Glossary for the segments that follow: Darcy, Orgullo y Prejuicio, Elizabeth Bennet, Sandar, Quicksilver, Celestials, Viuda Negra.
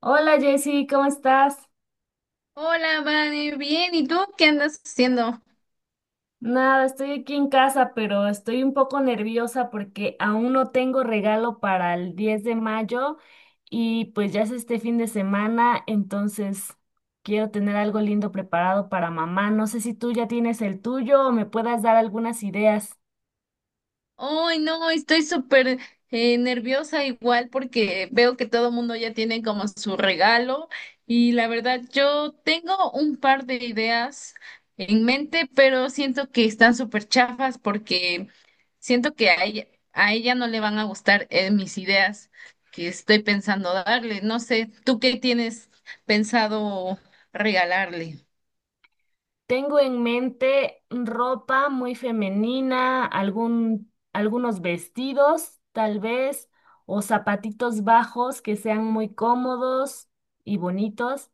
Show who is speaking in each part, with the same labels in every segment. Speaker 1: Hola Jessy, ¿cómo estás?
Speaker 2: Hola, Vane, bien, ¿y tú qué andas haciendo?
Speaker 1: Nada, estoy aquí en casa, pero estoy un poco nerviosa porque aún no tengo regalo para el 10 de mayo y pues ya es este fin de semana, entonces quiero tener algo lindo preparado para mamá. No sé si tú ya tienes el tuyo o me puedas dar algunas ideas.
Speaker 2: Ay, no, estoy súper nerviosa igual porque veo que todo el mundo ya tiene como su regalo y la verdad yo tengo un par de ideas en mente, pero siento que están súper chafas porque siento que a ella no le van a gustar mis ideas que estoy pensando darle. No sé, ¿tú qué tienes pensado regalarle?
Speaker 1: Tengo en mente ropa muy femenina, algunos vestidos, tal vez, o zapatitos bajos que sean muy cómodos y bonitos.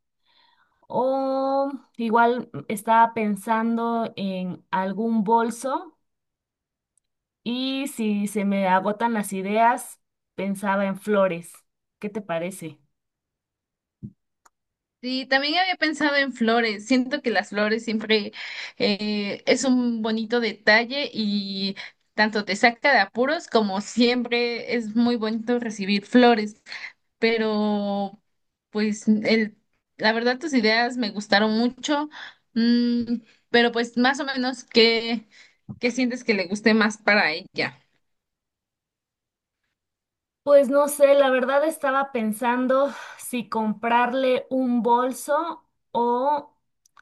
Speaker 1: O igual estaba pensando en algún bolso y si se me agotan las ideas, pensaba en flores. ¿Qué te parece?
Speaker 2: Sí, también había pensado en flores. Siento que las flores siempre es un bonito detalle y tanto te saca de apuros como siempre es muy bonito recibir flores. Pero, pues, la verdad tus ideas me gustaron mucho. Mm, pero, pues, más o menos, ¿qué sientes que le guste más para ella?
Speaker 1: Pues no sé, la verdad estaba pensando si comprarle un bolso o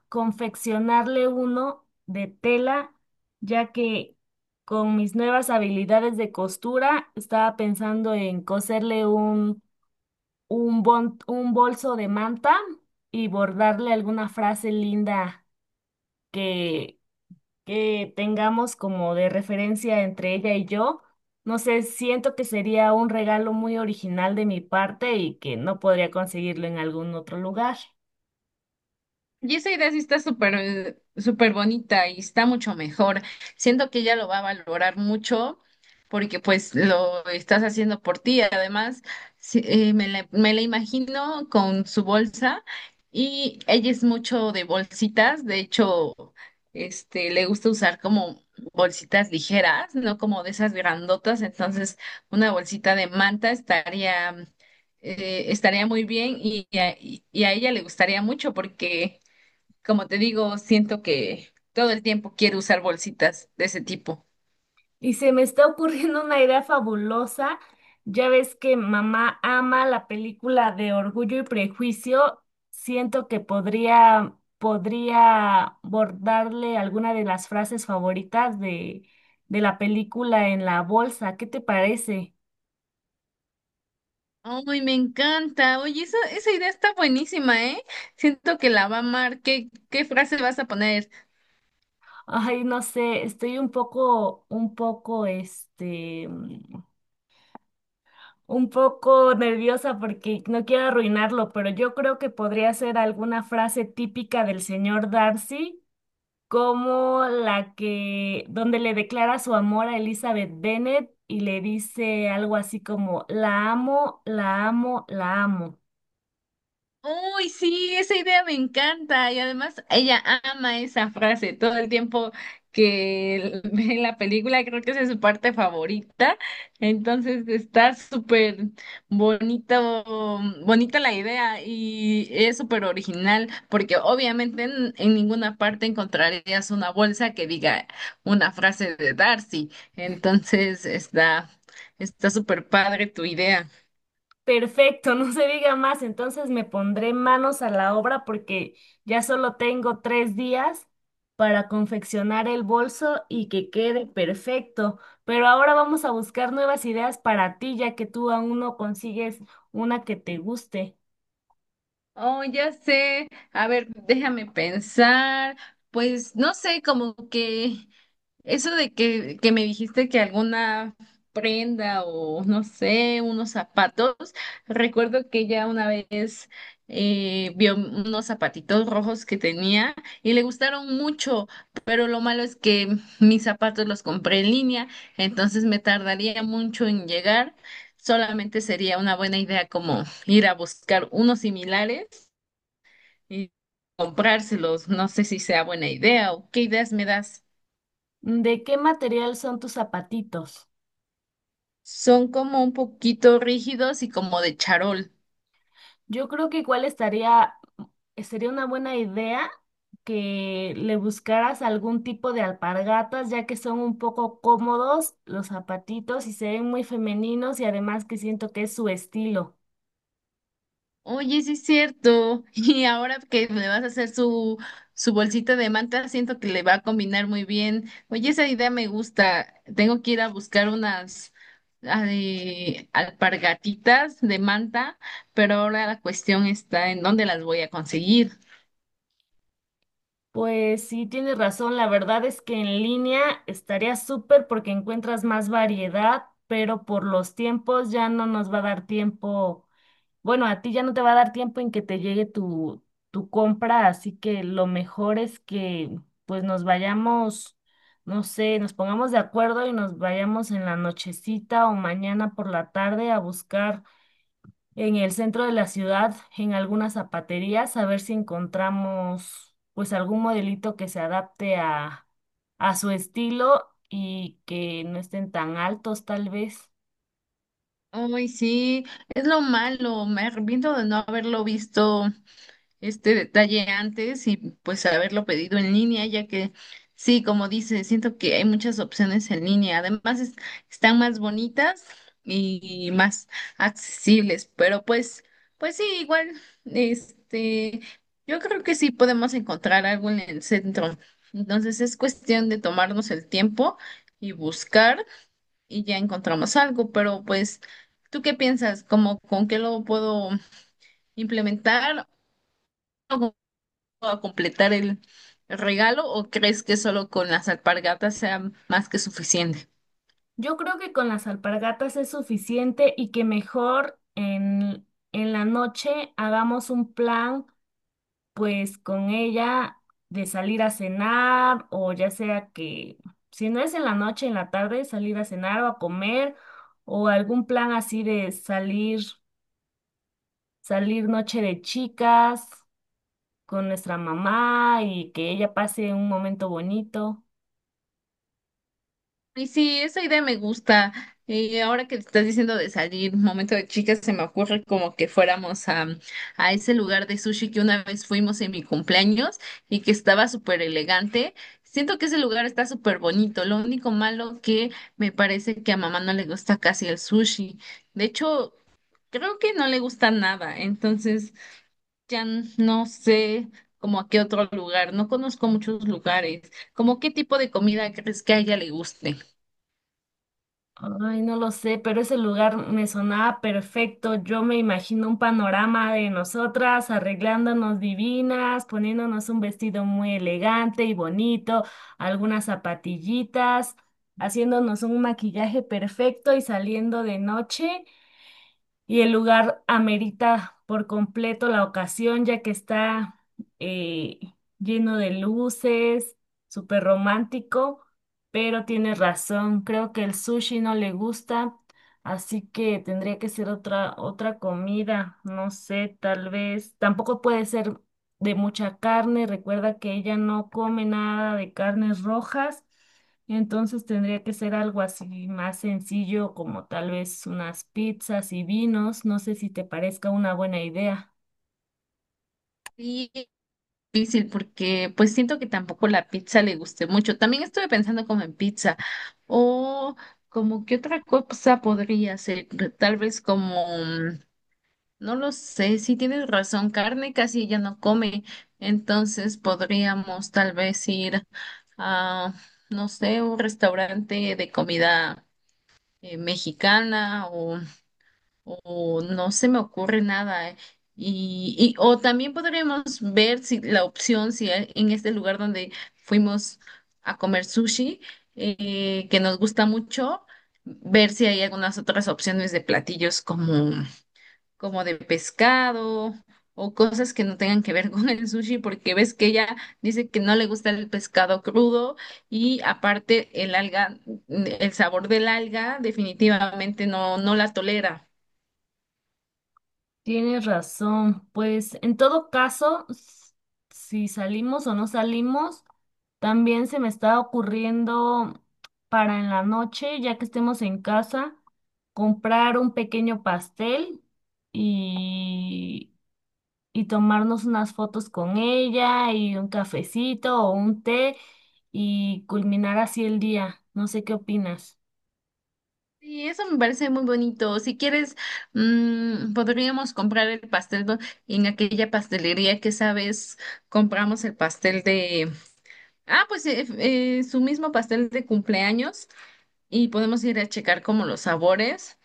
Speaker 1: confeccionarle uno de tela, ya que con mis nuevas habilidades de costura estaba pensando en coserle un bolso de manta y bordarle alguna frase linda que tengamos como de referencia entre ella y yo. No sé, siento que sería un regalo muy original de mi parte y que no podría conseguirlo en algún otro lugar.
Speaker 2: Y esa idea sí está súper, súper bonita y está mucho mejor. Siento que ella lo va a valorar mucho porque pues lo estás haciendo por ti. Además, sí, me la imagino con su bolsa y ella es mucho de bolsitas. De hecho, este, le gusta usar como bolsitas ligeras, no como de esas grandotas. Entonces, una bolsita de manta estaría, estaría muy bien y a ella le gustaría mucho porque... Como te digo, siento que todo el tiempo quiero usar bolsitas de ese tipo.
Speaker 1: Y se me está ocurriendo una idea fabulosa. Ya ves que mamá ama la película de Orgullo y Prejuicio. Siento que podría bordarle alguna de las frases favoritas de la película en la bolsa. ¿Qué te parece?
Speaker 2: Ay, me encanta. Oye, esa idea está buenísima, ¿eh? Siento que la va a amar. ¿Qué frase vas a poner?
Speaker 1: Ay, no sé, estoy un poco nerviosa porque no quiero arruinarlo, pero yo creo que podría ser alguna frase típica del señor Darcy, como donde le declara su amor a Elizabeth Bennet y le dice algo así como, la amo, la amo, la amo.
Speaker 2: Uy, sí, esa idea me encanta. Y además, ella ama esa frase todo el tiempo que ve la película, creo que esa es su parte favorita. Entonces, está súper bonito, bonita la idea y es súper original, porque obviamente en ninguna parte encontrarías una bolsa que diga una frase de Darcy. Entonces, está súper padre tu idea.
Speaker 1: Perfecto, no se diga más. Entonces me pondré manos a la obra porque ya solo tengo 3 días para confeccionar el bolso y que quede perfecto. Pero ahora vamos a buscar nuevas ideas para ti, ya que tú aún no consigues una que te guste.
Speaker 2: Oh, ya sé. A ver, déjame pensar. Pues no sé, como que eso que me dijiste que alguna prenda o no sé, unos zapatos. Recuerdo que ella una vez vio unos zapatitos rojos que tenía y le gustaron mucho, pero lo malo es que mis zapatos los compré en línea, entonces me tardaría mucho en llegar. Solamente sería una buena idea como ir a buscar unos similares y comprárselos. No sé si sea buena idea o qué ideas me das.
Speaker 1: ¿De qué material son tus zapatitos?
Speaker 2: Son como un poquito rígidos y como de charol.
Speaker 1: Yo creo que igual sería una buena idea que le buscaras algún tipo de alpargatas, ya que son un poco cómodos los zapatitos y se ven muy femeninos y además que siento que es su estilo.
Speaker 2: Oye, sí es cierto. Y ahora que le vas a hacer su bolsita de manta, siento que le va a combinar muy bien. Oye, esa idea me gusta. Tengo que ir a buscar unas ay, alpargatitas de manta, pero ahora la cuestión está en dónde las voy a conseguir.
Speaker 1: Pues sí, tienes razón, la verdad es que en línea estaría súper porque encuentras más variedad, pero por los tiempos ya no nos va a dar tiempo. Bueno, a ti ya no te va a dar tiempo en que te llegue tu compra, así que lo mejor es que pues nos vayamos, no sé, nos pongamos de acuerdo y nos vayamos en la nochecita o mañana por la tarde a buscar en el centro de la ciudad, en algunas zapaterías, a ver si encontramos pues algún modelito que se adapte a su estilo y que no estén tan altos tal vez.
Speaker 2: Ay, sí, es lo malo. Me arrepiento de no haberlo visto este detalle antes y pues haberlo pedido en línea, ya que sí, como dice, siento que hay muchas opciones en línea. Además, están más bonitas y más accesibles, pero pues, pues sí, igual, este, yo creo que sí podemos encontrar algo en el centro. Entonces es cuestión de tomarnos el tiempo y buscar y ya encontramos algo, pero pues, ¿tú qué piensas? ¿Cómo con qué lo puedo implementar? A completar el regalo o crees que solo con las alpargatas sea más que suficiente?
Speaker 1: Yo creo que con las alpargatas es suficiente y que mejor en la noche hagamos un plan, pues con ella de salir a cenar o ya sea que, si no es en la noche, en la tarde, salir a cenar o a comer o algún plan así de salir, salir noche de chicas con nuestra mamá y que ella pase un momento bonito.
Speaker 2: Y sí, esa idea me gusta. Y ahora que te estás diciendo de salir, momento de chicas, se me ocurre como que fuéramos a ese lugar de sushi que una vez fuimos en mi cumpleaños y que estaba súper elegante. Siento que ese lugar está súper bonito. Lo único malo que me parece que a mamá no le gusta casi el sushi. De hecho, creo que no le gusta nada. Entonces, ya no sé como a qué otro lugar, no conozco muchos lugares, como qué tipo de comida crees que a ella le guste.
Speaker 1: Ay, no lo sé, pero ese lugar me sonaba perfecto. Yo me imagino un panorama de nosotras arreglándonos divinas, poniéndonos un vestido muy elegante y bonito, algunas zapatillitas, haciéndonos un maquillaje perfecto y saliendo de noche y el lugar amerita por completo la ocasión, ya que está eh, lleno de luces, súper romántico, pero tienes razón, creo que el sushi no le gusta, así que tendría que ser otra comida, no sé, tal vez, tampoco puede ser de mucha carne, recuerda que ella no come nada de carnes rojas. Entonces tendría que ser algo así más sencillo, como tal vez unas pizzas y vinos. No sé si te parezca una buena idea.
Speaker 2: Sí, es difícil porque pues siento que tampoco la pizza le guste mucho. También estuve pensando como en pizza o como qué otra cosa podría ser, tal vez como, no lo sé, si tienes razón, carne casi ella no come, entonces podríamos tal vez ir a, no sé, un restaurante de comida mexicana o no se me ocurre nada. O también podríamos ver si la opción, si hay- en este lugar donde fuimos a comer sushi, que nos gusta mucho, ver si hay algunas otras opciones de platillos como de pescado o cosas que no tengan que ver con el sushi, porque ves que ella dice que no le gusta el pescado crudo y aparte el alga, el sabor del alga definitivamente no, no la tolera.
Speaker 1: Tienes razón. Pues en todo caso, si salimos o no salimos, también se me está ocurriendo para en la noche, ya que estemos en casa, comprar un pequeño pastel y y tomarnos unas fotos con ella y un cafecito o un té y culminar así el día. No sé qué opinas.
Speaker 2: Y eso me parece muy bonito. Si quieres, podríamos comprar el en aquella pastelería que sabes, compramos el pastel de... Ah, pues su mismo pastel de cumpleaños y podemos ir a checar como los sabores,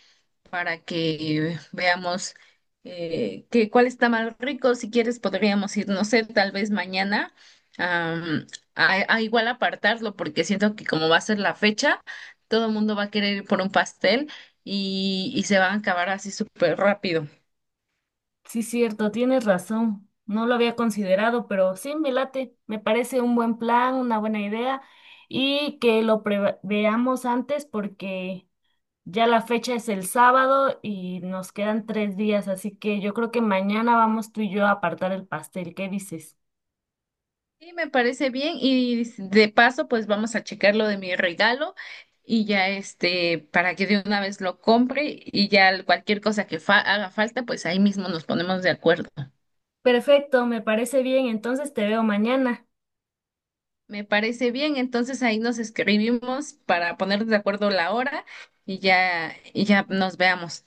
Speaker 2: para que veamos que cuál está más rico. Si quieres, podríamos ir, no sé, tal vez mañana am, a igual apartarlo, porque siento que como va a ser la fecha, todo el mundo va a querer ir por un pastel y se van a acabar así súper rápido.
Speaker 1: Sí, cierto, tienes razón. No lo había considerado, pero sí, me late. Me parece un buen plan, una buena idea y que lo veamos antes porque ya la fecha es el sábado y nos quedan 3 días, así que yo creo que mañana vamos tú y yo a apartar el pastel. ¿Qué dices?
Speaker 2: Sí, me parece bien y de paso, pues vamos a checar lo de mi regalo. Y ya este, para que de una vez lo compre y ya cualquier cosa que haga falta, pues ahí mismo nos ponemos de acuerdo.
Speaker 1: Perfecto, me parece bien. Entonces te veo mañana.
Speaker 2: Me parece bien, entonces ahí nos escribimos para poner de acuerdo la hora y ya nos veamos.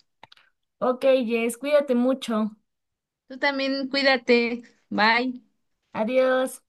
Speaker 1: Ok, Jess, cuídate mucho.
Speaker 2: Tú también cuídate, bye.
Speaker 1: Adiós.